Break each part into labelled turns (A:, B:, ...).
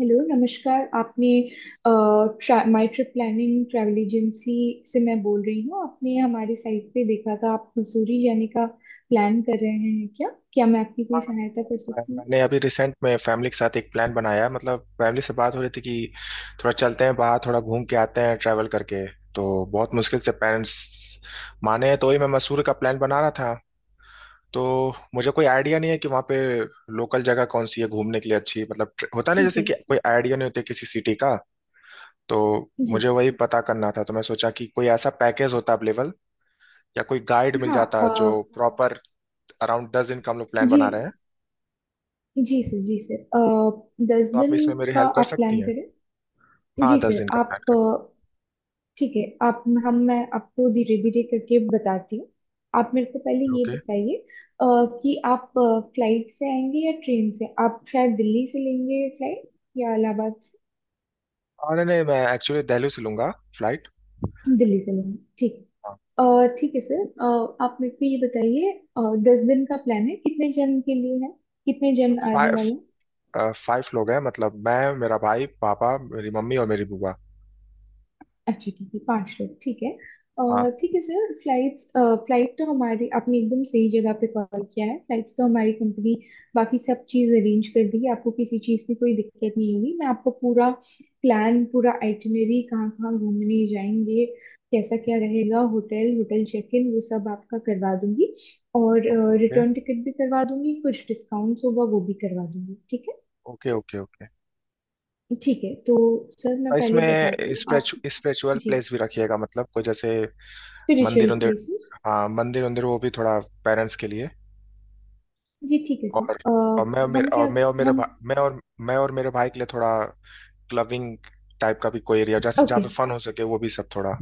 A: Hello नमस्कार। आपने माई trip planning travel agency से मैं बोल रही हूँ। आपने हमारे साइट पे देखा था आप मसूरी जाने का प्लान कर रहे हैं क्या? क्या मैं आपकी कोई
B: हाँ,
A: सहायता कर
B: मैं-
A: सकती हूँ?
B: मैंने अभी रिसेंट में फैमिली के साथ एक प्लान बनाया मतलब फैमिली से बात हो रही थी कि थोड़ा चलते हैं बाहर थोड़ा घूम के आते हैं ट्रैवल करके तो बहुत मुश्किल से पेरेंट्स माने हैं, तो वही मैं मसूरी का प्लान बना रहा था। तो मुझे कोई आइडिया नहीं है कि वहाँ पे लोकल जगह कौन सी है घूमने के लिए अच्छी मतलब होता नहीं
A: ठीक
B: जैसे
A: है।
B: कि कोई आइडिया नहीं होता किसी सिटी का। तो
A: जी
B: मुझे वही पता करना था तो मैं सोचा कि कोई ऐसा पैकेज होता अवेलेबल या कोई गाइड मिल
A: हाँ।
B: जाता जो प्रॉपर अराउंड 10 दिन का हम लोग प्लान
A: जी।
B: बना रहे हैं।
A: जी सर। जी सर। दस
B: तो आप
A: दिन
B: इसमें मेरी
A: का
B: हेल्प कर
A: आप
B: सकती
A: प्लान
B: हैं।
A: करें।
B: हाँ
A: जी
B: दस
A: सर
B: दिन का प्लान
A: आप
B: कर।
A: ठीक है। आप हम मैं आपको धीरे धीरे करके बताती हूँ। आप मेरे को पहले ये
B: ओके।
A: बताइए अ, कि आप फ्लाइट से आएंगे या ट्रेन से? आप शायद दिल्ली से लेंगे फ्लाइट या इलाहाबाद से?
B: अरे नहीं मैं एक्चुअली दिल्ली से लूंगा फ्लाइट।
A: दिल्ली से लेंगे ठीक है। ठीक है सर। आप मेरे को ये बताइए अ, दस दिन का प्लान है, कितने जन के लिए है? कितने जन आने वाले हैं?
B: 5। 5 लोग हैं मतलब मैं मेरा भाई पापा मेरी मम्मी और मेरी बुआ।
A: अच्छा ठीक है, 5 लोग ठीक है।
B: हाँ।
A: ठीक है सर। फ्लाइट्स, फ्लाइट तो हमारी, आपने एकदम सही जगह पे कॉल किया है। फ्लाइट्स तो हमारी कंपनी बाकी सब चीज़ अरेंज कर देगी, आपको किसी चीज़ की कोई दिक्कत नहीं होगी। मैं आपको पूरा प्लान, पूरा आइटिनरी, कहाँ कहाँ घूमने जाएंगे, कैसा क्या रहेगा, होटल, होटल चेक इन, वो सब आपका करवा दूंगी। और
B: ओके ओके।
A: रिटर्न टिकट भी करवा दूंगी, कुछ डिस्काउंट्स होगा वो भी करवा दूंगी। ठीक है?
B: Okay okay okay.
A: ठीक है तो सर मैं
B: और
A: पहले बताती
B: इसमें
A: हूँ आप।
B: स्पिरिचुअल
A: जी।
B: प्लेस भी रखिएगा मतलब कोई जैसे
A: स्पिरिचुअल
B: मंदिर उंदिर।
A: प्लेसेस।
B: हाँ मंदिर उंदिर वो भी थोड़ा पेरेंट्स के लिए।
A: जी ठीक है सर।
B: और और
A: हम क्या हम।
B: मैं और मेरे भाई के लिए थोड़ा क्लबिंग टाइप का भी कोई एरिया जैसे जहाँ
A: ओके।
B: पे फन हो सके वो भी सब थोड़ा।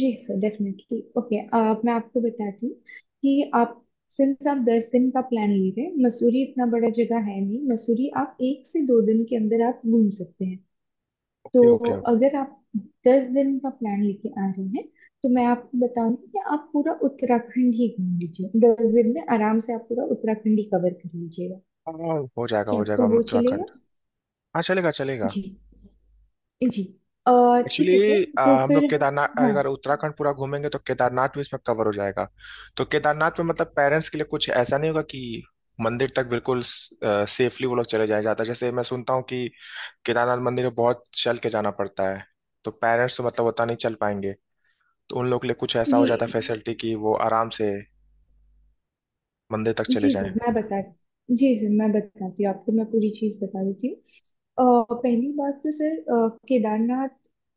A: जी सर डेफिनेटली। ओके मैं आपको बताती हूँ कि आप, सिंस आप 10 दिन का प्लान ले रहे हैं, मसूरी इतना बड़ा जगह है नहीं। मसूरी आप 1 से 2 दिन के अंदर आप घूम सकते हैं। तो
B: ओके ओके ओके।
A: अगर आप 10 दिन का प्लान लेके आ रहे हैं तो मैं आपको बताऊंगी कि आप पूरा उत्तराखंड ही घूम लीजिए। 10 दिन में आराम से आप पूरा उत्तराखंड ही कवर कर लीजिएगा।
B: हाँ,
A: क्या
B: हो जाएगा
A: आपको वो चलेगा?
B: उत्तराखंड। हाँ चलेगा चलेगा।
A: जी। जी अ, ठीक है सर।
B: एक्चुअली
A: तो
B: हम
A: फिर
B: लोग केदारनाथ
A: हाँ
B: अगर उत्तराखंड पूरा घूमेंगे तो केदारनाथ भी इसमें कवर हो जाएगा। तो केदारनाथ में मतलब पेरेंट्स के लिए कुछ ऐसा नहीं होगा कि मंदिर तक बिल्कुल सेफली वो लोग चले जाया जाता है जैसे मैं सुनता हूँ कि केदारनाथ मंदिर में बहुत चल के जाना पड़ता है। तो पेरेंट्स तो मतलब उतना नहीं चल पाएंगे। तो उन लोग के लिए कुछ ऐसा हो
A: जी।
B: जाता है फैसिलिटी कि वो आराम से मंदिर तक चले
A: जी सर
B: जाएं।
A: मैं बता... जी सर मैं बताती हूँ आपको, मैं पूरी चीज़ बता देती हूँ। पहली बात तो सर केदारनाथ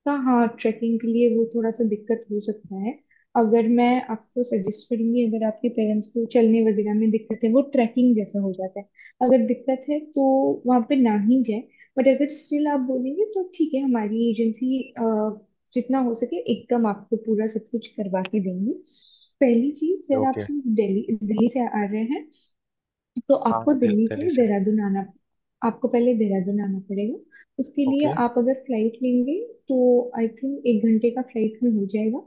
A: का, हाँ, ट्रैकिंग के लिए वो थोड़ा सा दिक्कत हो सकता है। अगर मैं आपको सजेस्ट करूंगी, अगर आपके पेरेंट्स को चलने वगैरह में दिक्कत है, वो ट्रैकिंग जैसा हो जाता है। अगर दिक्कत है तो वहाँ पे ना ही जाए। बट अगर स्टिल आप बोलेंगे तो ठीक है, हमारी एजेंसी जितना हो सके एकदम आपको पूरा सब कुछ करवा के देंगी। पहली चीज सर, आप
B: ओके।
A: सिंस दिल्ली, दिल्ली से आ रहे हैं, तो
B: हाँ
A: आपको
B: हाँ
A: दिल्ली
B: दिल्ली
A: से
B: से।
A: देहरादून आना, आपको पहले देहरादून आना पड़ेगा। उसके लिए
B: ओके
A: आप अगर फ्लाइट लेंगे तो आई थिंक 1 घंटे का फ्लाइट में हो जाएगा।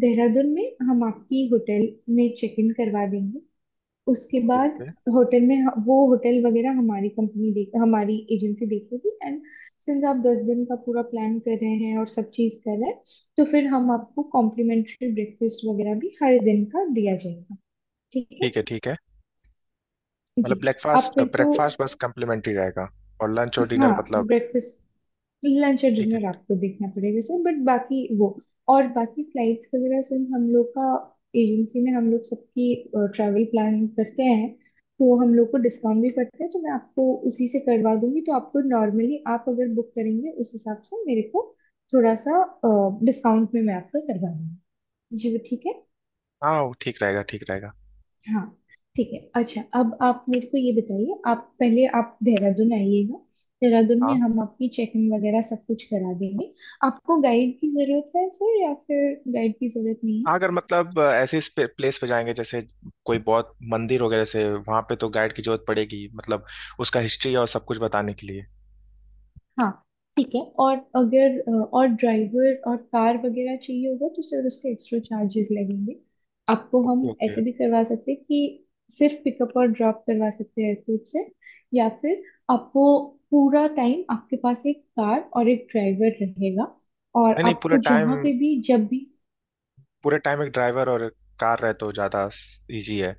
A: देहरादून में हम आपकी होटल में चेक इन करवा देंगे। उसके
B: ओके
A: बाद
B: ओके।
A: होटल में वो होटल वगैरह हमारी कंपनी देख, हमारी एजेंसी देखेगी। एंड सिंस आप दस दिन का पूरा प्लान कर रहे हैं और सब चीज़ कर रहे हैं, तो फिर हम आपको कॉम्प्लीमेंट्री ब्रेकफास्ट वगैरह भी हर दिन का दिया जाएगा। ठीक है?
B: ठीक है ठीक है। मतलब
A: जी। आप
B: ब्रेकफास्ट
A: मेरे को...
B: ब्रेकफास्ट बस कम्प्लीमेंट्री रहेगा और लंच और
A: हाँ,
B: डिनर मतलब।
A: ब्रेकफास्ट, लंच और डिनर आपको देखना पड़ेगा सर। बट बाकी वो, और बाकी फ्लाइट्स वगैरह, सिंस हम लोग का, एजेंसी में हम लोग सबकी ट्रैवल प्लान करते हैं, तो हम लोग को डिस्काउंट भी करते हैं, तो मैं आपको उसी से करवा दूंगी। तो आपको नॉर्मली आप अगर बुक करेंगे उस हिसाब से मेरे को थोड़ा सा डिस्काउंट में मैं आपको करवा दूंगी। जी वो ठीक है।
B: हाँ वो ठीक रहेगा ठीक रहेगा।
A: हाँ ठीक है। अच्छा अब आप मेरे को ये बताइए, आप पहले आप देहरादून आइएगा, देहरादून में
B: हाँ
A: हम आपकी चेकिंग वगैरह सब कुछ करा देंगे। आपको गाइड की जरूरत है सर या फिर गाइड की जरूरत नहीं?
B: हाँ अगर मतलब ऐसे प्लेस पे जाएंगे जैसे कोई बहुत मंदिर हो गया जैसे वहां पे तो गाइड की जरूरत पड़ेगी मतलब उसका हिस्ट्री और सब कुछ बताने के लिए।
A: हाँ ठीक है। और अगर और ड्राइवर और कार वगैरह चाहिए होगा तो सर उसके एक्स्ट्रा चार्जेस लगेंगे। आपको
B: ओके
A: हम
B: ओके।
A: ऐसे भी करवा सकते हैं कि सिर्फ पिकअप और ड्रॉप करवा सकते हैं एयरपोर्ट से। या फिर आपको पूरा टाइम आपके पास एक कार और एक ड्राइवर रहेगा और
B: नहीं नहीं पूरे
A: आपको
B: टाइम
A: जहाँ पे भी, जब भी...
B: पूरे टाइम एक ड्राइवर और कार रहे तो ज्यादा इजी है।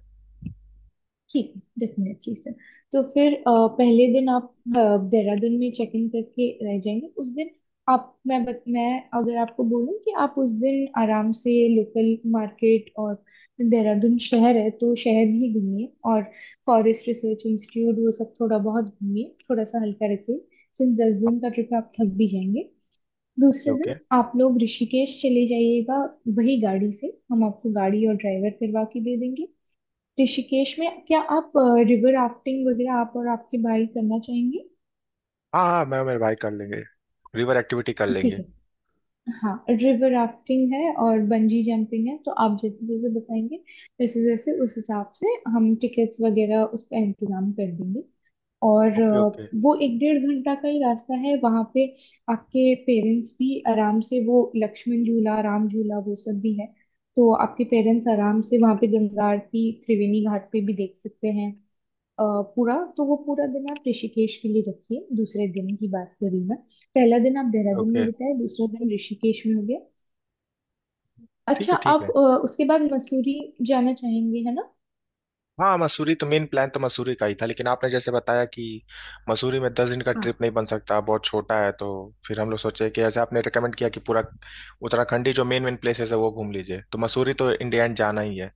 A: ठीक है, डेफिनेटली सर। तो फिर पहले दिन आप देहरादून में चेक इन करके रह जाएंगे। उस दिन आप, मैं अगर आपको बोलूं कि आप उस दिन आराम से लोकल मार्केट, और देहरादून शहर है तो शहर ही घूमिए, और फॉरेस्ट रिसर्च इंस्टीट्यूट वो सब थोड़ा बहुत घूमिए, थोड़ा सा हल्का रखिए। सिंस 10 दिन का ट्रिप आप थक भी जाएंगे।
B: ओके
A: दूसरे
B: ओके।
A: दिन आप लोग ऋषिकेश चले जाइएगा, वही गाड़ी से। हम आपको गाड़ी और ड्राइवर करवा के दे देंगे। ऋषिकेश में क्या आप रिवर राफ्टिंग वगैरह आप और आपके भाई करना चाहेंगे?
B: हाँ हाँ मैं और मेरे भाई कर लेंगे रिवर एक्टिविटी कर
A: ठीक
B: लेंगे।
A: है। हाँ, रिवर राफ्टिंग है और बंजी जंपिंग है, तो आप जैसे जैसे बताएंगे वैसे जैसे उस हिसाब से हम टिकट्स वगैरह उसका इंतजाम कर देंगे। और
B: ओके ओके
A: वो एक डेढ़ घंटा का ही रास्ता है वहाँ पे। आपके पेरेंट्स भी आराम से वो लक्ष्मण झूला, राम झूला, वो सब भी है। तो आपके पेरेंट्स आराम से वहाँ पे गंगा आरती, त्रिवेणी घाट पे भी देख सकते हैं। अ, पूरा तो वो पूरा दिन आप ऋषिकेश के लिए रखिए, दूसरे दिन की बात कर रही हूँ मैं। पहला दिन आप देहरादून
B: ओके।
A: में बिताए, दूसरा दिन ऋषिकेश में हो गया।
B: ठीक
A: अच्छा
B: है ठीक
A: आप
B: है।
A: उसके बाद मसूरी जाना चाहेंगे, है
B: हाँ मसूरी तो मेन प्लान तो मसूरी का ही था लेकिन आपने जैसे बताया कि मसूरी में 10 दिन का
A: ना?
B: ट्रिप नहीं बन सकता बहुत छोटा है तो फिर हम लोग सोचे कि जैसे आपने रिकमेंड किया कि पूरा उत्तराखंड ही जो मेन मेन प्लेसेस है वो घूम लीजिए तो मसूरी तो इंडिया एंड जाना ही है।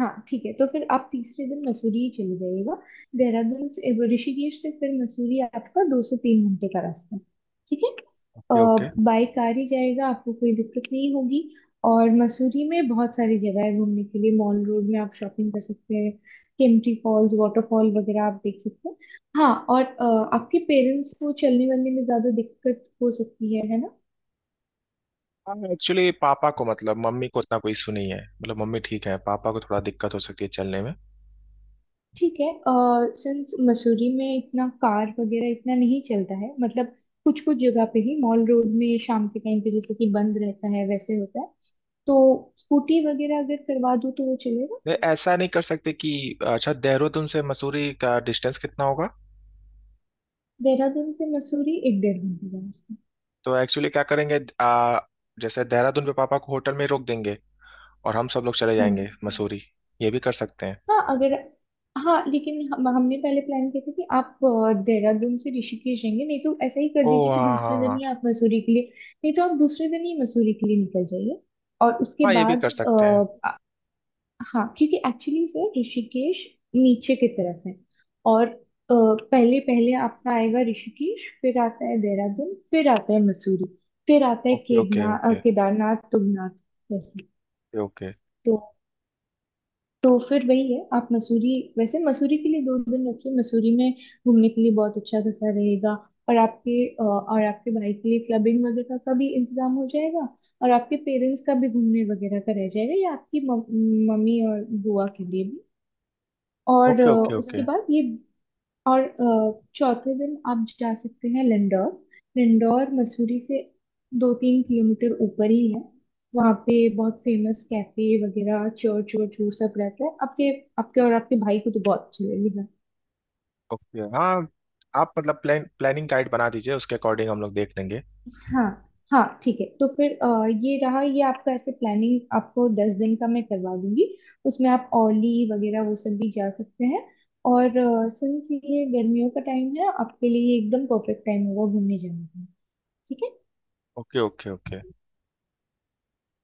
A: हाँ ठीक है, तो फिर आप तीसरे दिन मसूरी ही चले जाइएगा। देहरादून से, वो, ऋषिकेश से फिर मसूरी आपका 2 से 3 घंटे का रास्ता है। ठीक है।
B: Okay okay.
A: बाय कार ही जाएगा, आपको कोई दिक्कत नहीं होगी। और मसूरी में बहुत सारी जगह है घूमने के लिए। मॉल रोड में आप शॉपिंग कर सकते हैं, केम्प्टी फॉल्स वाटरफॉल वगैरह आप देख सकते हैं। हाँ और आपके पेरेंट्स को चलने वलने में ज्यादा दिक्कत हो सकती है ना?
B: हाँ एक्चुअली पापा को मतलब मम्मी को उतना कोई इशू नहीं है मतलब मम्मी ठीक है पापा को थोड़ा दिक्कत हो सकती है चलने में।
A: ठीक है। सिंस मसूरी में इतना कार वगैरह इतना नहीं चलता है, मतलब कुछ कुछ जगह पे ही मॉल रोड में शाम के टाइम पे जैसे कि बंद रहता है, वैसे होता है। तो स्कूटी वगैरह अगर करवा दूँ तो वो चलेगा।
B: नहीं, ऐसा नहीं कर सकते कि अच्छा देहरादून से मसूरी का डिस्टेंस कितना होगा।
A: देहरादून से मसूरी एक डेढ़ घंटे का रास्ता।
B: तो एक्चुअली क्या करेंगे जैसे देहरादून पे पापा को होटल में रोक देंगे और हम सब लोग चले
A: हाँ जी।
B: जाएंगे मसूरी ये भी कर सकते हैं।
A: हाँ अगर... हाँ लेकिन हम हमने पहले प्लान किया था कि आप देहरादून से ऋषिकेश जाएंगे, नहीं तो ऐसा ही कर
B: ओ
A: दीजिए कि
B: हाँ हाँ
A: दूसरे
B: हाँ
A: दिन ही
B: हाँ।
A: आप मसूरी के लिए, नहीं तो आप दूसरे दिन ही मसूरी के लिए निकल जाइए। और
B: हाँ,
A: उसके
B: ये भी कर
A: बाद
B: सकते हैं।
A: हाँ, क्योंकि एक्चुअली से ऋषिकेश नीचे की तरफ है। और पहले पहले आपका आएगा ऋषिकेश, फिर आता है देहरादून, फिर आता है मसूरी, फिर आता है
B: okay okay okay
A: Kedarnath, Tungnath वैसे।
B: ओके
A: तो तो फिर वही है, आप मसूरी, वैसे मसूरी के लिए 2 दिन रखिए। मसूरी में घूमने के लिए बहुत अच्छा खासा रहेगा। और आपके और आपके भाई के लिए क्लबिंग वगैरह का भी इंतजाम हो जाएगा, और आपके पेरेंट्स का भी घूमने वगैरह का रह जाएगा, या आपकी मम्मी और बुआ के लिए भी। और
B: ओके ओके ओके
A: उसके बाद ये, और चौथे दिन आप जा सकते हैं लिंडौर। लिंडौर मसूरी से 2-3 किलोमीटर ऊपर ही है। वहाँ पे बहुत फेमस कैफे वगैरह, चर्च वर्च, वो सब रहता है। आपके, आपके और आपके भाई को तो बहुत अच्छा लगेगा।
B: ओके। हाँ आप मतलब प्लानिंग गाइड बना दीजिए उसके अकॉर्डिंग हम लोग देख लेंगे।
A: हाँ। हाँ ठीक है, तो फिर ये रहा ये आपका ऐसे, प्लानिंग आपको 10 दिन का मैं करवा दूंगी। उसमें आप औली वगैरह वो सब भी जा सकते हैं। और सिंस ये गर्मियों का टाइम है, आपके लिए ये एकदम परफेक्ट टाइम होगा घूमने जाने का। ठीक है?
B: Okay okay okay.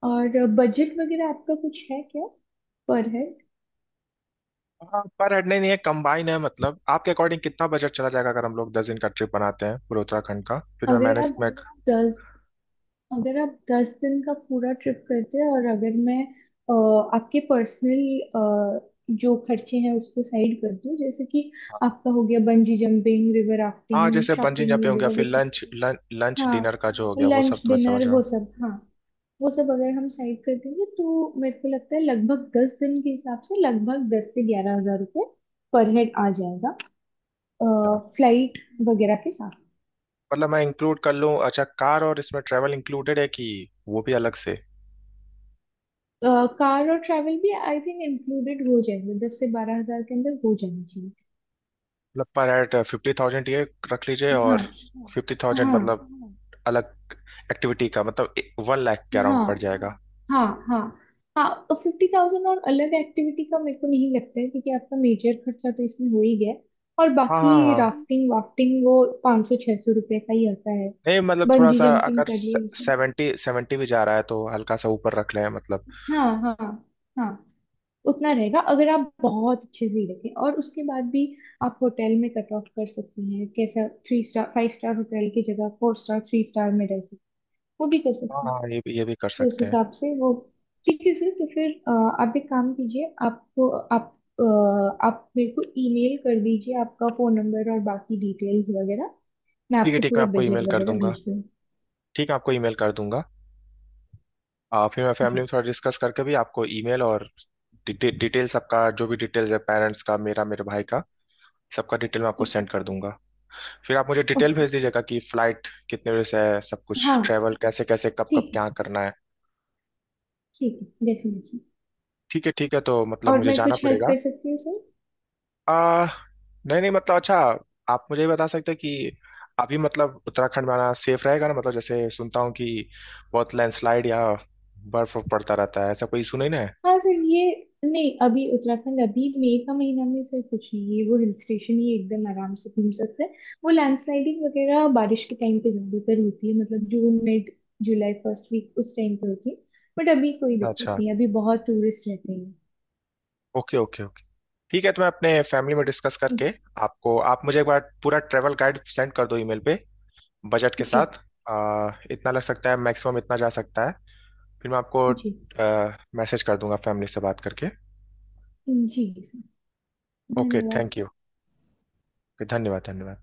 A: और बजट वगैरह आपका कुछ है क्या पर हेड?
B: हाँ पर हेड नहीं नहीं, ये कंबाइन है मतलब आपके अकॉर्डिंग कितना बजट चला जाएगा अगर हम लोग 10 दिन का ट्रिप बनाते हैं पूरे उत्तराखंड का फिर मैं
A: अगर आप
B: मैनेज मैं।
A: दस, अगर आप दस दिन का पूरा ट्रिप करते हैं और अगर मैं अ, आपके पर्सनल जो खर्चे हैं उसको साइड कर दूं, जैसे कि आपका हो गया बंजी जंपिंग, रिवर
B: हाँ
A: राफ्टिंग,
B: जैसे बंजी
A: शॉपिंग
B: जंपिंग हो गया
A: वगैरह
B: फिर
A: वो सब।
B: लंच लंच
A: हाँ,
B: डिनर का जो हो गया वो सब
A: लंच
B: तो मैं समझ
A: डिनर
B: रहा
A: वो
B: हूँ।
A: सब, हाँ वो सब अगर हम साइड कर देंगे तो मेरे को लगता है लगभग 10 दिन के हिसाब से लगभग 10 से 11 हज़ार रुपये पर हेड आ जाएगा, फ्लाइट वगैरह के साथ।
B: मतलब मैं इंक्लूड कर लूँ अच्छा कार और इसमें ट्रैवल इंक्लूडेड है कि वो भी अलग से।
A: कार और ट्रैवल भी आई थिंक इंक्लूडेड हो जाएंगे, 10 से 12 हज़ार के अंदर हो जानी चाहिए।
B: मतलब पर एट 50,000 ये रख लीजिए
A: हाँ
B: और 50,000
A: हाँ
B: मतलब अलग एक्टिविटी का मतलब 1 लाख के
A: हाँ
B: अराउंड पड़ जाएगा।
A: हाँ। हाँ हाँ और 50,000 और अलग एक्टिविटी का मेरे को नहीं लगता है, क्योंकि आपका मेजर खर्चा तो इसमें हो ही गया है। और
B: हाँ हाँ
A: बाकी
B: हाँ।
A: राफ्टिंग वाफ्टिंग वो 500-600 रुपये का ही आता है।
B: नहीं मतलब थोड़ा
A: बंजी
B: सा
A: जंपिंग
B: अगर
A: कर लिए उसे,
B: 70 70 भी जा रहा है तो हल्का सा ऊपर रख लें मतलब।
A: हाँ हाँ हाँ उतना रहेगा। अगर आप बहुत अच्छे से देखें और उसके बाद भी आप होटल में कट ऑफ कर सकती हैं, कैसा 3 स्टार, 5 स्टार होटल की जगह 4 स्टार, 3 स्टार में रह सकते, वो भी कर
B: हाँ
A: सकते हैं।
B: हाँ ये भी कर
A: तो उस
B: सकते हैं।
A: हिसाब से वो ठीक है सर। तो फिर आप एक काम कीजिए, आपको, आप आप मेरे को ईमेल कर दीजिए आपका फोन नंबर और बाकी डिटेल्स वगैरह, मैं आपको
B: ठीक है
A: पूरा
B: मैं आपको
A: बजट
B: ईमेल कर
A: वगैरह
B: दूंगा।
A: भेज दूंगी।
B: ठीक है आपको ईमेल कर दूंगा। फिर मैं
A: जी
B: फैमिली में थोड़ा डिस्कस करके भी आपको ईमेल और डिटेल्स आपका जो भी डिटेल्स है पेरेंट्स का मेरा मेरे भाई का सबका डिटेल मैं आपको
A: ठीक है।
B: सेंड कर दूंगा। फिर आप मुझे डिटेल
A: ओके।
B: भेज दीजिएगा कि फ्लाइट कितने बजे से है सब कुछ
A: हाँ
B: ट्रैवल कैसे कैसे कब कब
A: ठीक
B: क्या
A: है।
B: करना है।
A: ठीक है डेफिनेटली।
B: ठीक है ठीक है तो मतलब
A: और
B: मुझे
A: मैं
B: जाना
A: कुछ हेल्प
B: पड़ेगा।
A: कर सकती हूँ सर?
B: आ, नहीं नहीं मतलब अच्छा आप मुझे ये बता सकते हैं कि अभी मतलब उत्तराखंड में आना सेफ रहेगा ना मतलब जैसे सुनता हूँ कि बहुत लैंडस्लाइड या बर्फ वर्फ पड़ता रहता है ऐसा कोई इशू नहीं ना है।
A: हाँ सर, ये नहीं, अभी उत्तराखंड, अभी मई का महीना में सर कुछ नहीं है, वो हिल स्टेशन ही एकदम आराम से घूम सकते हैं। वो लैंडस्लाइडिंग वगैरह बारिश के टाइम पे ज्यादातर होती है, मतलब June mid, July first week उस टाइम पे होती है। बट अभी कोई दिक्कत
B: अच्छा।
A: नहीं, अभी बहुत टूरिस्ट रहते हैं।
B: Okay okay okay. ठीक है तो मैं अपने फैमिली में डिस्कस करके
A: जी।
B: आपको आप मुझे एक बार पूरा ट्रैवल गाइड सेंड कर दो ईमेल पे बजट के
A: जी।
B: साथ इतना लग सकता है मैक्सिमम इतना जा सकता है फिर मैं आपको
A: जी।
B: मैसेज कर दूंगा फैमिली से बात करके।
A: जी सर।
B: ओके
A: धन्यवाद
B: थैंक यू।
A: सर।
B: धन्यवाद धन्यवाद।